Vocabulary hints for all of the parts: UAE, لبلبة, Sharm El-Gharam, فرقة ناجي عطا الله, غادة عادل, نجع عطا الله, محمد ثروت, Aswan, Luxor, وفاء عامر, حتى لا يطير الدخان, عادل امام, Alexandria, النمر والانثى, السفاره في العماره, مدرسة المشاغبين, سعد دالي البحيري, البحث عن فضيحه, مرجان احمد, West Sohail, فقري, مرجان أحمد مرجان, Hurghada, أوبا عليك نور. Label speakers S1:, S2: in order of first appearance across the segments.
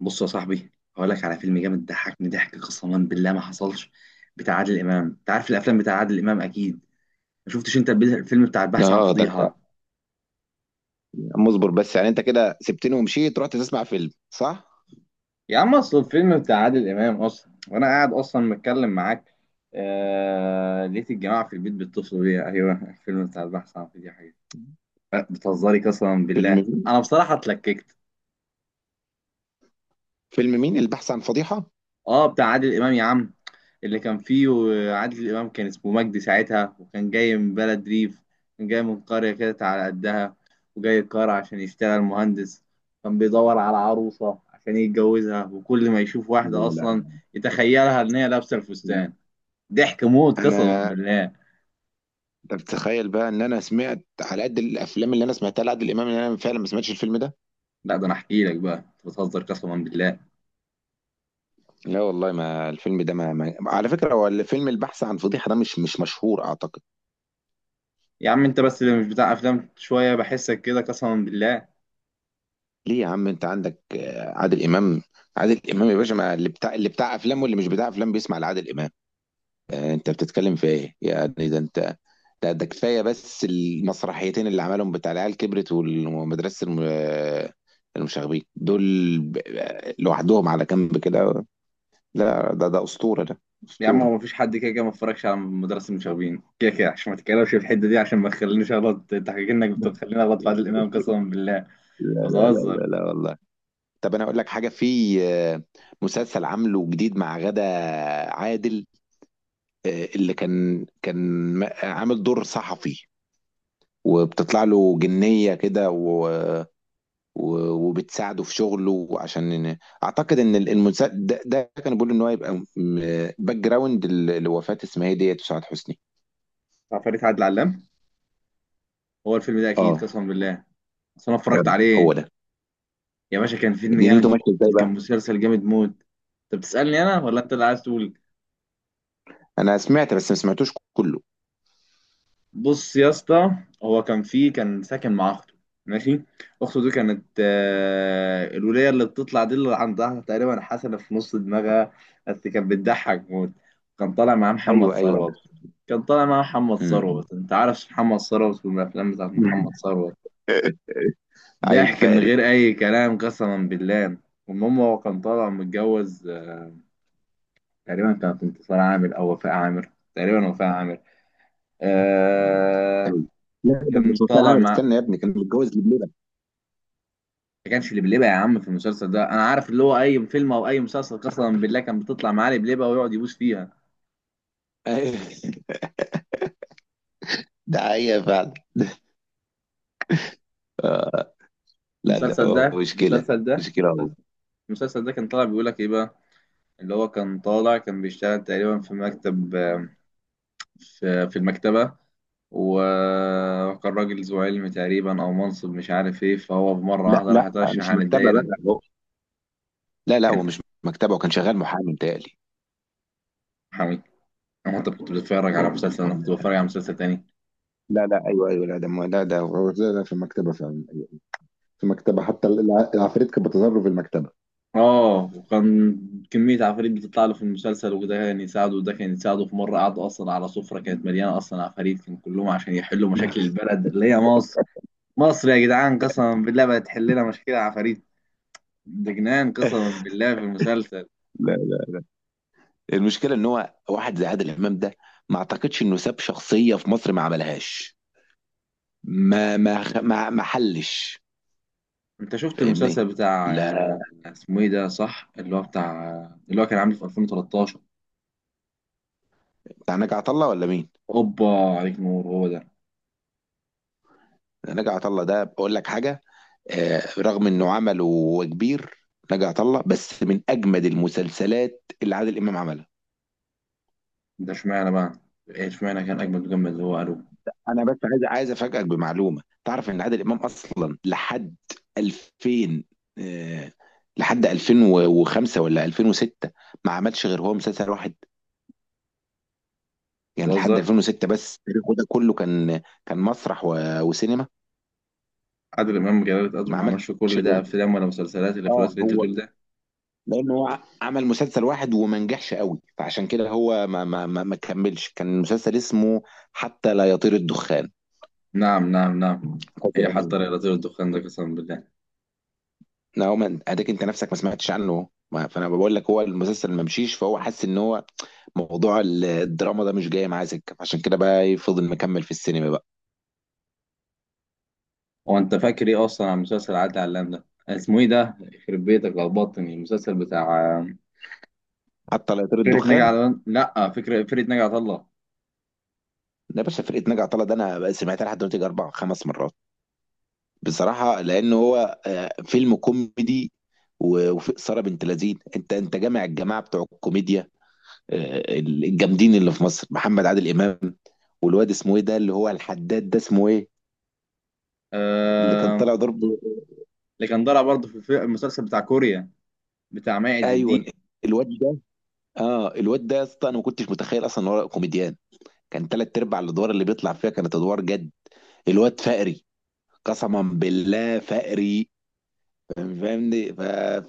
S1: بص يا صاحبي، هقول لك على فيلم جامد ضحكني ضحك قسما بالله ما حصلش بتاع عادل امام. انت عارف الافلام بتاع عادل امام اكيد. ما شفتش انت الفيلم بتاع البحث عن
S2: اه، ده انت
S1: فضيحه؟
S2: يعني مصبر، بس يعني انت كده سبتني ومشيت، رحت تسمع فيلم، صح؟
S1: يا عم اصل الفيلم بتاع عادل امام اصلا وانا قاعد اصلا متكلم معاك. لقيت الجماعه في البيت بيتصلوا بيا. ايوه، الفيلم بتاع البحث عن فضيحه. بتهزري؟ قسما
S2: فيلم
S1: بالله
S2: مين؟
S1: انا بصراحه اتلككت.
S2: فيلم مين؟ البحث عن فضيحة؟
S1: اه، بتاع عادل امام يا عم. اللي كان فيه عادل امام كان اسمه مجدي ساعتها، وكان جاي من بلد ريف. كان جاي من قريه كده على قدها، وجاي القاهره عشان يشتغل مهندس. كان بيدور على عروسه عشان يتجوزها، وكل ما يشوف
S2: لا،
S1: واحده اصلا
S2: لا،
S1: يتخيلها ان هي لابسه
S2: لا.
S1: الفستان. ضحك موت قسما
S2: انا
S1: بالله.
S2: انت بتتخيل بقى ان انا سمعت على قد الافلام اللي انا سمعتها لعادل امام ان انا فعلا ما سمعتش الفيلم ده.
S1: لا، ده انا احكي لك بقى، انت بتهزر قسما بالله.
S2: لا والله، ما الفيلم ده ما, ما... على فكره، هو الفيلم البحث عن فضيحه ده مش مشهور اعتقد.
S1: يا عم انت بس اللي مش بتاع افلام شويه، بحسك كده قسما بالله.
S2: ليه يا عم؟ انت عندك عادل امام. عادل امام يا باشا، ما اللي بتاع افلام واللي مش بتاع افلام بيسمع لعادل امام. انت بتتكلم في ايه؟ يعني ده انت، ده كفايه بس المسرحيتين اللي عملهم بتاع العيال كبرت ومدرسه المشاغبين دول، لوحدهم على جنب كده. لا ده اسطوره ده،
S1: يا عم هو
S2: اسطوره.
S1: مفيش حد كده كده ما اتفرجش على مدرسة المشاغبين، كده كده عشان ما تتكلمش في الحتة دي، عشان ما تخلينيش اغلط. انت حكيت انك
S2: لا،
S1: بتخليني اغلط في عادل امام؟ قسما بالله انت
S2: لا، لا،
S1: بتهزر.
S2: لا، لا والله. طب انا اقول لك حاجه في مسلسل عامله جديد مع غادة، عادل، اللي كان عامل دور صحفي، وبتطلع له جنيه كده وبتساعده في شغله عشان اعتقد ان ده كان بيقول ان هو يبقى باك جراوند لوفاة اسمها ايه ديت وسعاد حسني.
S1: عفاريت عادل علام. هو الفيلم ده اكيد
S2: اه
S1: قسما بالله، اصل انا اتفرجت
S2: تمام، هو
S1: عليه.
S2: ده.
S1: يا باشا كان فيلم جامد
S2: دنيته
S1: موت،
S2: ماشيه ازاي
S1: كان
S2: بقى؟
S1: مسلسل جامد موت. انت بتسألني انا ولا انت اللي عايز تقول؟
S2: انا سمعت بس ما سمعتوش كله.
S1: بص يا اسطى، هو كان فيه كان ساكن مع اخته. ماشي. اخته دي كانت الولية اللي بتطلع دي، اللي عندها تقريبا حسنة في نص دماغها، بس كانت بتضحك موت. كان طالع معاه محمد
S2: ايوه، ايوه، عارف.
S1: ثروت. كان طالع معاه محمد
S2: أمم.
S1: ثروت، انت عارف محمد ثروت والافلام بتاعت محمد ثروت.
S2: عيل
S1: ضحك من
S2: فقري.
S1: غير اي كلام قسما بالله. المهم هو كان طالع متجوز، تقريبا كانت انتصار عامر او وفاء عامر، تقريبا وفاء عامر. آه
S2: أيوة. لا ده
S1: كان
S2: مش وفاء
S1: طالع
S2: عامر،
S1: مع
S2: استنى يا ابني، كان متجوز لبلبة.
S1: ما كانش لبلبة يا عم في المسلسل ده. انا عارف اللي هو اي فيلم او اي مسلسل قسما بالله كان بتطلع معاه لبلبة ويقعد يبوس فيها.
S2: أيوة، ده حقيقة فعلا. لا ده
S1: المسلسل ده
S2: هو مشكلة،
S1: المسلسل ده
S2: مشكلة هو.
S1: المسلسل ده كان طالع بيقول لك ايه بقى؟ اللي هو كان طالع كان بيشتغل تقريبا في مكتب، في المكتبة، و- وكان راجل ذو علم تقريبا او منصب مش عارف ايه، فهو بمرة
S2: لا
S1: واحدة راح
S2: لا،
S1: اترشح
S2: مش
S1: عن
S2: مكتبة بقى،
S1: الدايرة.
S2: هو لا لا، هو
S1: كان
S2: مش مكتبة وكان شغال محامي متهيألي.
S1: حميد. انا انت كنت بتتفرج على مسلسل، انا كنت بتفرج على مسلسل تاني.
S2: لا لا، ايوه ايوه، لا ده لا ده هو ده في المكتبه فعلا. أيوة، في المكتبه، حتى العفاريت كانت بتظهر له في المكتبه.
S1: اه، وكان كمية عفاريت بتطلع له في المسلسل، وده كان يساعده وده كان يساعده. في مرة قعدوا أصلا على سفرة كانت مليانة أصلا عفاريت، كان كلهم عشان يحلوا مشاكل البلد اللي هي مصر. مصر يا جدعان قسما بالله بقت تحل لنا مشاكل عفاريت. ده جنان قسما بالله في المسلسل.
S2: لا، لا، المشكله ان هو واحد زي عادل امام ده ما اعتقدش انه ساب شخصيه في مصر ما عملهاش، ما ما خ- ما, ما حلش.
S1: أنت شفت
S2: فاهمني؟
S1: المسلسل بتاع
S2: لا،
S1: اسمه إيه ده صح اللي هو بتاع اللي هو كان عامل في 2013؟
S2: بتاع نجع عطا الله ولا مين؟
S1: أوبا، عليك نور هو ده.
S2: نجع عطا الله ده بقول لك حاجه، آه رغم انه عمل وكبير، نجع عطا الله بس من اجمد المسلسلات اللي عادل امام عملها.
S1: ده اشمعنى بقى؟ إيه اشمعنى كان أجمد، وجمد اللي هو قالوه.
S2: انا بس عايز افاجئك بمعلومه، تعرف ان عادل امام اصلا لحد 2000، آه، لحد 2005 ولا 2006 ما عملش غير هو مسلسل واحد. يعني لحد
S1: بتهزر.
S2: 2006 بس، تاريخه ده كله كان كان مسرح وسينما.
S1: عادل امام جلالة قدره
S2: ما
S1: ما
S2: عملش
S1: عملش كل ده
S2: غير،
S1: افلام ولا مسلسلات اللي في
S2: اه
S1: الوقت اللي انت
S2: هو
S1: بتقول ده.
S2: لانه هو عمل مسلسل واحد وما نجحش قوي، فعشان كده هو ما كملش. كان مسلسل اسمه حتى لا يطير الدخان،
S1: نعم نعم نعم.
S2: فاكر؟
S1: ايه حتى الرياضي والدخان ده قسما بالله.
S2: هو ما اديك انت نفسك ما سمعتش عنه، ما فانا بقول لك هو المسلسل ما مشيش، فهو حس ان هو موضوع الدراما ده مش جاي معاه سكه، فعشان كده بقى فضل مكمل في السينما بقى.
S1: هو انت فاكر ايه اصلا عن مسلسل عادل علام ده؟ اسمه ايه ده يخرب بيتك، لخبطتني. المسلسل بتاع
S2: حتى لا يطير
S1: فرقة ناجي
S2: الدخان.
S1: عطا، لا فكرة فرقة ناجي عطا الله.
S2: ده يا باشا فرقه ناجي عطا الله، ده انا بقى سمعتها لحد دلوقتي اربع خمس مرات بصراحه، لان هو فيلم كوميدي وفي اثاره بنت لذين، انت انت جامع الجماعه بتوع الكوميديا الجامدين اللي في مصر، محمد، عادل امام، والواد اسمه ايه ده اللي هو الحداد، ده اسمه ايه اللي كان
S1: آه...
S2: طالع ضرب؟
S1: اللي كان طالع برضه في المسلسل بتاع كوريا، بتاع ماعز الدين.
S2: ايوه، الواد ده. اه الواد ده يا اسطى، انا ما كنتش متخيل اصلا ان هو كوميديان. كان تلات ارباع الادوار اللي بيطلع فيها كانت ادوار جد. الواد فقري، قسما بالله فقري، فاهمني.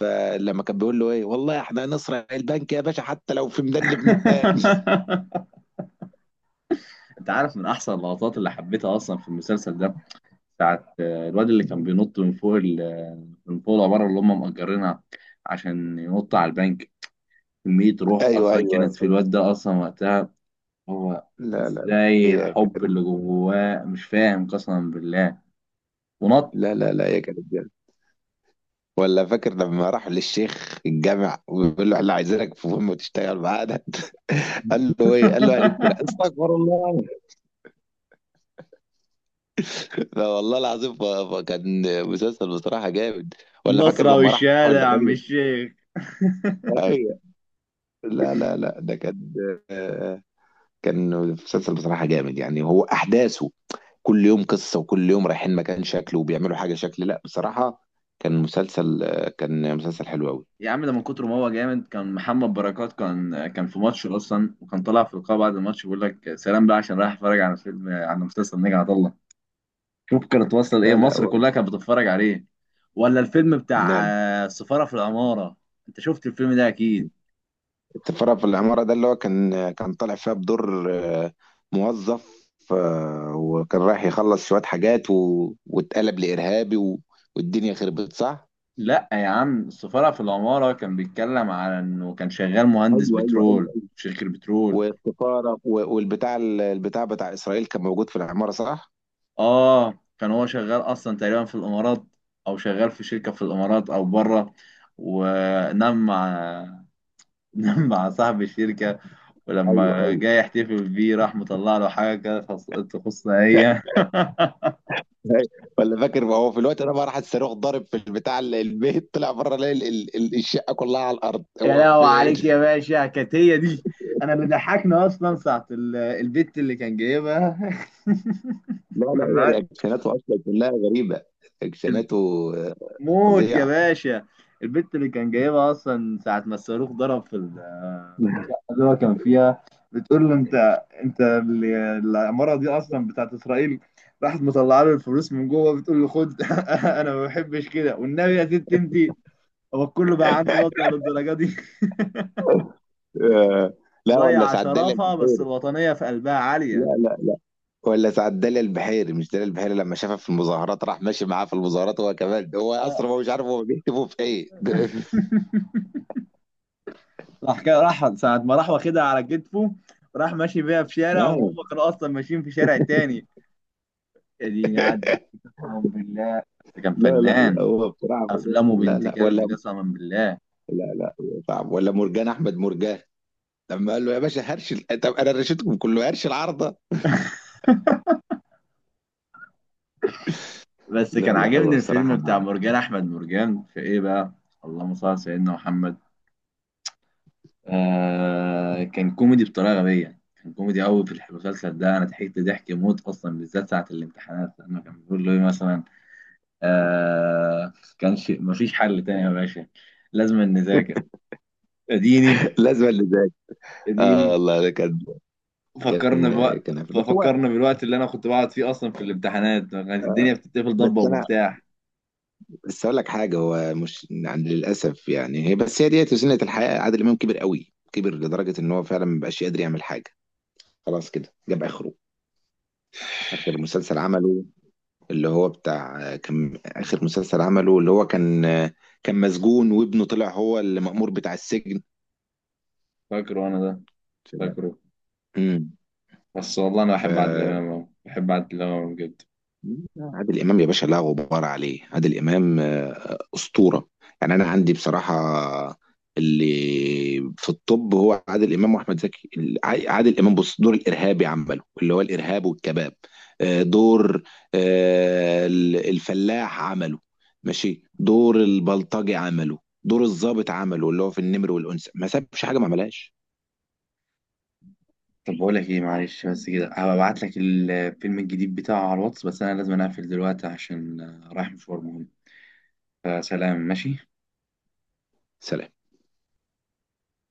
S2: فلما كان بيقول له ايه، والله احنا هنسرق البنك يا باشا حتى لو في ميدان لبنان.
S1: انت عارف من احسن اللقطات اللي حبيتها اصلا في المسلسل ده؟ ساعة الواد اللي كان بينط من فوق من فوق العمارة اللي هم مأجرينها، عشان ينط على البنك. كمية روح
S2: ايوه،
S1: أصلا
S2: ايوه،
S1: كانت في
S2: أيوة.
S1: الواد ده أصلا وقتها. هو
S2: لا لا لا،
S1: إزاي
S2: هي
S1: الحب اللي
S2: كانت،
S1: جواه مش فاهم قسما بالله. ونط.
S2: لا لا لا، هي كانت جامدة. ولا فاكر لما راح للشيخ الجامع وبيقول له احنا عايزينك في مهمه تشتغل معانا، قال له ايه؟ قال له هنسرق، استغفر الله. لا والله العظيم، كان مسلسل بصراحة جامد. ولا فاكر
S1: النصرة
S2: لما راح
S1: والشهادة يا عم
S2: للراجل؟
S1: الشيخ.
S2: ايوه. لا لا لا، ده كان آه، كان مسلسل بصراحة جامد، يعني هو أحداثه كل يوم قصة، وكل يوم رايحين مكان شكل وبيعملوا حاجة شكل. لا بصراحة كان مسلسل كان مسلسل حلو أوي.
S1: يا عم ده من كتر ما هو جامد، كان محمد بركات كان كان في ماتش أصلا، وكان طالع في لقاء بعد الماتش بيقول لك سلام بقى عشان رايح أتفرج على فيلم، على مسلسل نجا عطله. شوف كانت واصله لايه،
S2: لا لا
S1: مصر
S2: هو،
S1: كلها كانت بتتفرج عليه. ولا الفيلم
S2: لا
S1: بتاع
S2: لا.
S1: السفاره في العماره. انت شفت الفيلم ده اكيد.
S2: السفارة في العمارة ده اللي هو كان طالع فيها بدور موظف وكان رايح يخلص شوية حاجات، واتقلب لإرهابي، والدنيا خربت، صح؟
S1: لا يا عم، السفاره في العماره كان بيتكلم على انه كان شغال مهندس
S2: ايوه ايوه
S1: بترول
S2: ايوه.
S1: في شركه بترول.
S2: والسفاره والبتاع البتاع بتاع اسرائيل كان موجود في العماره، صح؟
S1: اه، كان هو شغال اصلا تقريبا في الامارات، او شغال في شركه في الامارات او بره. ونام مع، نام مع صاحب الشركه.
S2: ايوه،
S1: ولما
S2: ايوه.
S1: جاي يحتفل بيه راح مطلع له حاجه كده تخصنا هي.
S2: أيوة. ولا فاكر ما هو في الوقت ده بقى راح الصاروخ ضارب في البتاع البيت، طلع بره لقى الشقه كلها على الارض،
S1: يا
S2: هو في
S1: لهوي
S2: ايه
S1: عليك يا
S2: ده؟
S1: باشا، كانت هي دي. انا اللي ضحكنا اصلا ساعه البت اللي كان جايبها.
S2: لا لا، هي
S1: لما-
S2: رياكشناته اصلا كلها غريبه، رياكشناته آه،
S1: موت يا
S2: فظيعه.
S1: باشا، البت اللي كان جايبها اصلا ساعه ما الصاروخ ضرب في في الشقه اللي هو كان فيها، بتقول له انت العماره دي اصلا بتاعت اسرائيل. راحت مطلعه له الفلوس من جوه بتقول له خد. انا ما بحبش كده، والنبي يا ست انت. هو كله بقى عنده وضع للدرجه دي.
S2: آه، لا ولا
S1: مضيع
S2: سعد دالي
S1: شرافه بس الوطنيه في قلبها عاليه.
S2: لا، لا، ولا سعد دالي البحيري، مش دالي البحيري، لما شافها في المظاهرات راح ماشي معاه في المظاهرات، هو كمان، هو اصلا هو مش عارف هو بيكتبوا في ايه.
S1: راح كده، راح ساعة ما راح واخدها على كتفه، راح ماشي بيها في شارع وهم كانوا أصلا ماشيين في شارع تاني. يا ديني عدى قسما بالله، بس كان
S2: لا لا لا،
S1: فنان.
S2: هو بصراحة فظيع.
S1: أفلامه
S2: لا
S1: بنت
S2: لا
S1: كلب
S2: ولا،
S1: قسما بالله.
S2: لا لا هو صعب. ولا مرجان أحمد مرجان لما قال له يا باشا هرش طب أنا رشيتكم كله، هرش العارضة.
S1: بس
S2: لا
S1: كان
S2: لا هو
S1: عاجبني الفيلم
S2: الصراحة.
S1: بتاع مرجان أحمد مرجان في إيه بقى. اللهم صل على سيدنا محمد. كان كوميدي بطريقة غبية، كان كوميدي قوي في المسلسل ده. أنا ضحكت ضحك موت أصلا بالذات ساعة الامتحانات لما كان بيقول له إيه مثلا. كانش مفيش حل تاني يا باشا، لازم نذاكر. اديني،
S2: لازم اللي زي، اه
S1: اديني.
S2: والله ده كان،
S1: فكرنا
S2: كان
S1: بوقت،
S2: كان بس هو
S1: ففكرنا بالوقت اللي انا كنت بقعد فيه اصلا في الامتحانات كانت الدنيا بتتقفل ضبه
S2: بس انا
S1: ومفتاح.
S2: بس اقول لك حاجه. هو مش يعني للاسف، يعني هي بس، هي ديت سنه الحياه، عادل امام كبر قوي، كبر لدرجه ان هو فعلا ما بقاش يقدر يعمل حاجه، خلاص كده جاب اخره. اخر مسلسل عمله اللي هو بتاع، آخر مسلسل عمله اللي هو كان مسجون وابنه طلع هو المأمور بتاع السجن.
S1: فاكره انا ده، فاكره.
S2: امم.
S1: بس والله انا
S2: ف
S1: بحب عادل امام أوي. بحب عادل امام أوي بجد.
S2: عادل امام يا باشا لا غبار عليه، عادل امام اسطوره. يعني انا عندي بصراحه اللي في الطب هو عادل امام واحمد زكي. عادل امام بص، دور الارهابي عمله اللي هو الارهاب والكباب، آه، دور الفلاح عمله ماشي، دور البلطجي عمله، دور الضابط عمله اللي هو في النمر والانثى، ما سابش حاجه ما عملهاش.
S1: طب بقول لك ايه، معلش بس كده هبعت لك الفيلم الجديد بتاعه على الواتس، بس انا لازم اقفل دلوقتي عشان رايح مشوار مهم. فسلام، ماشي.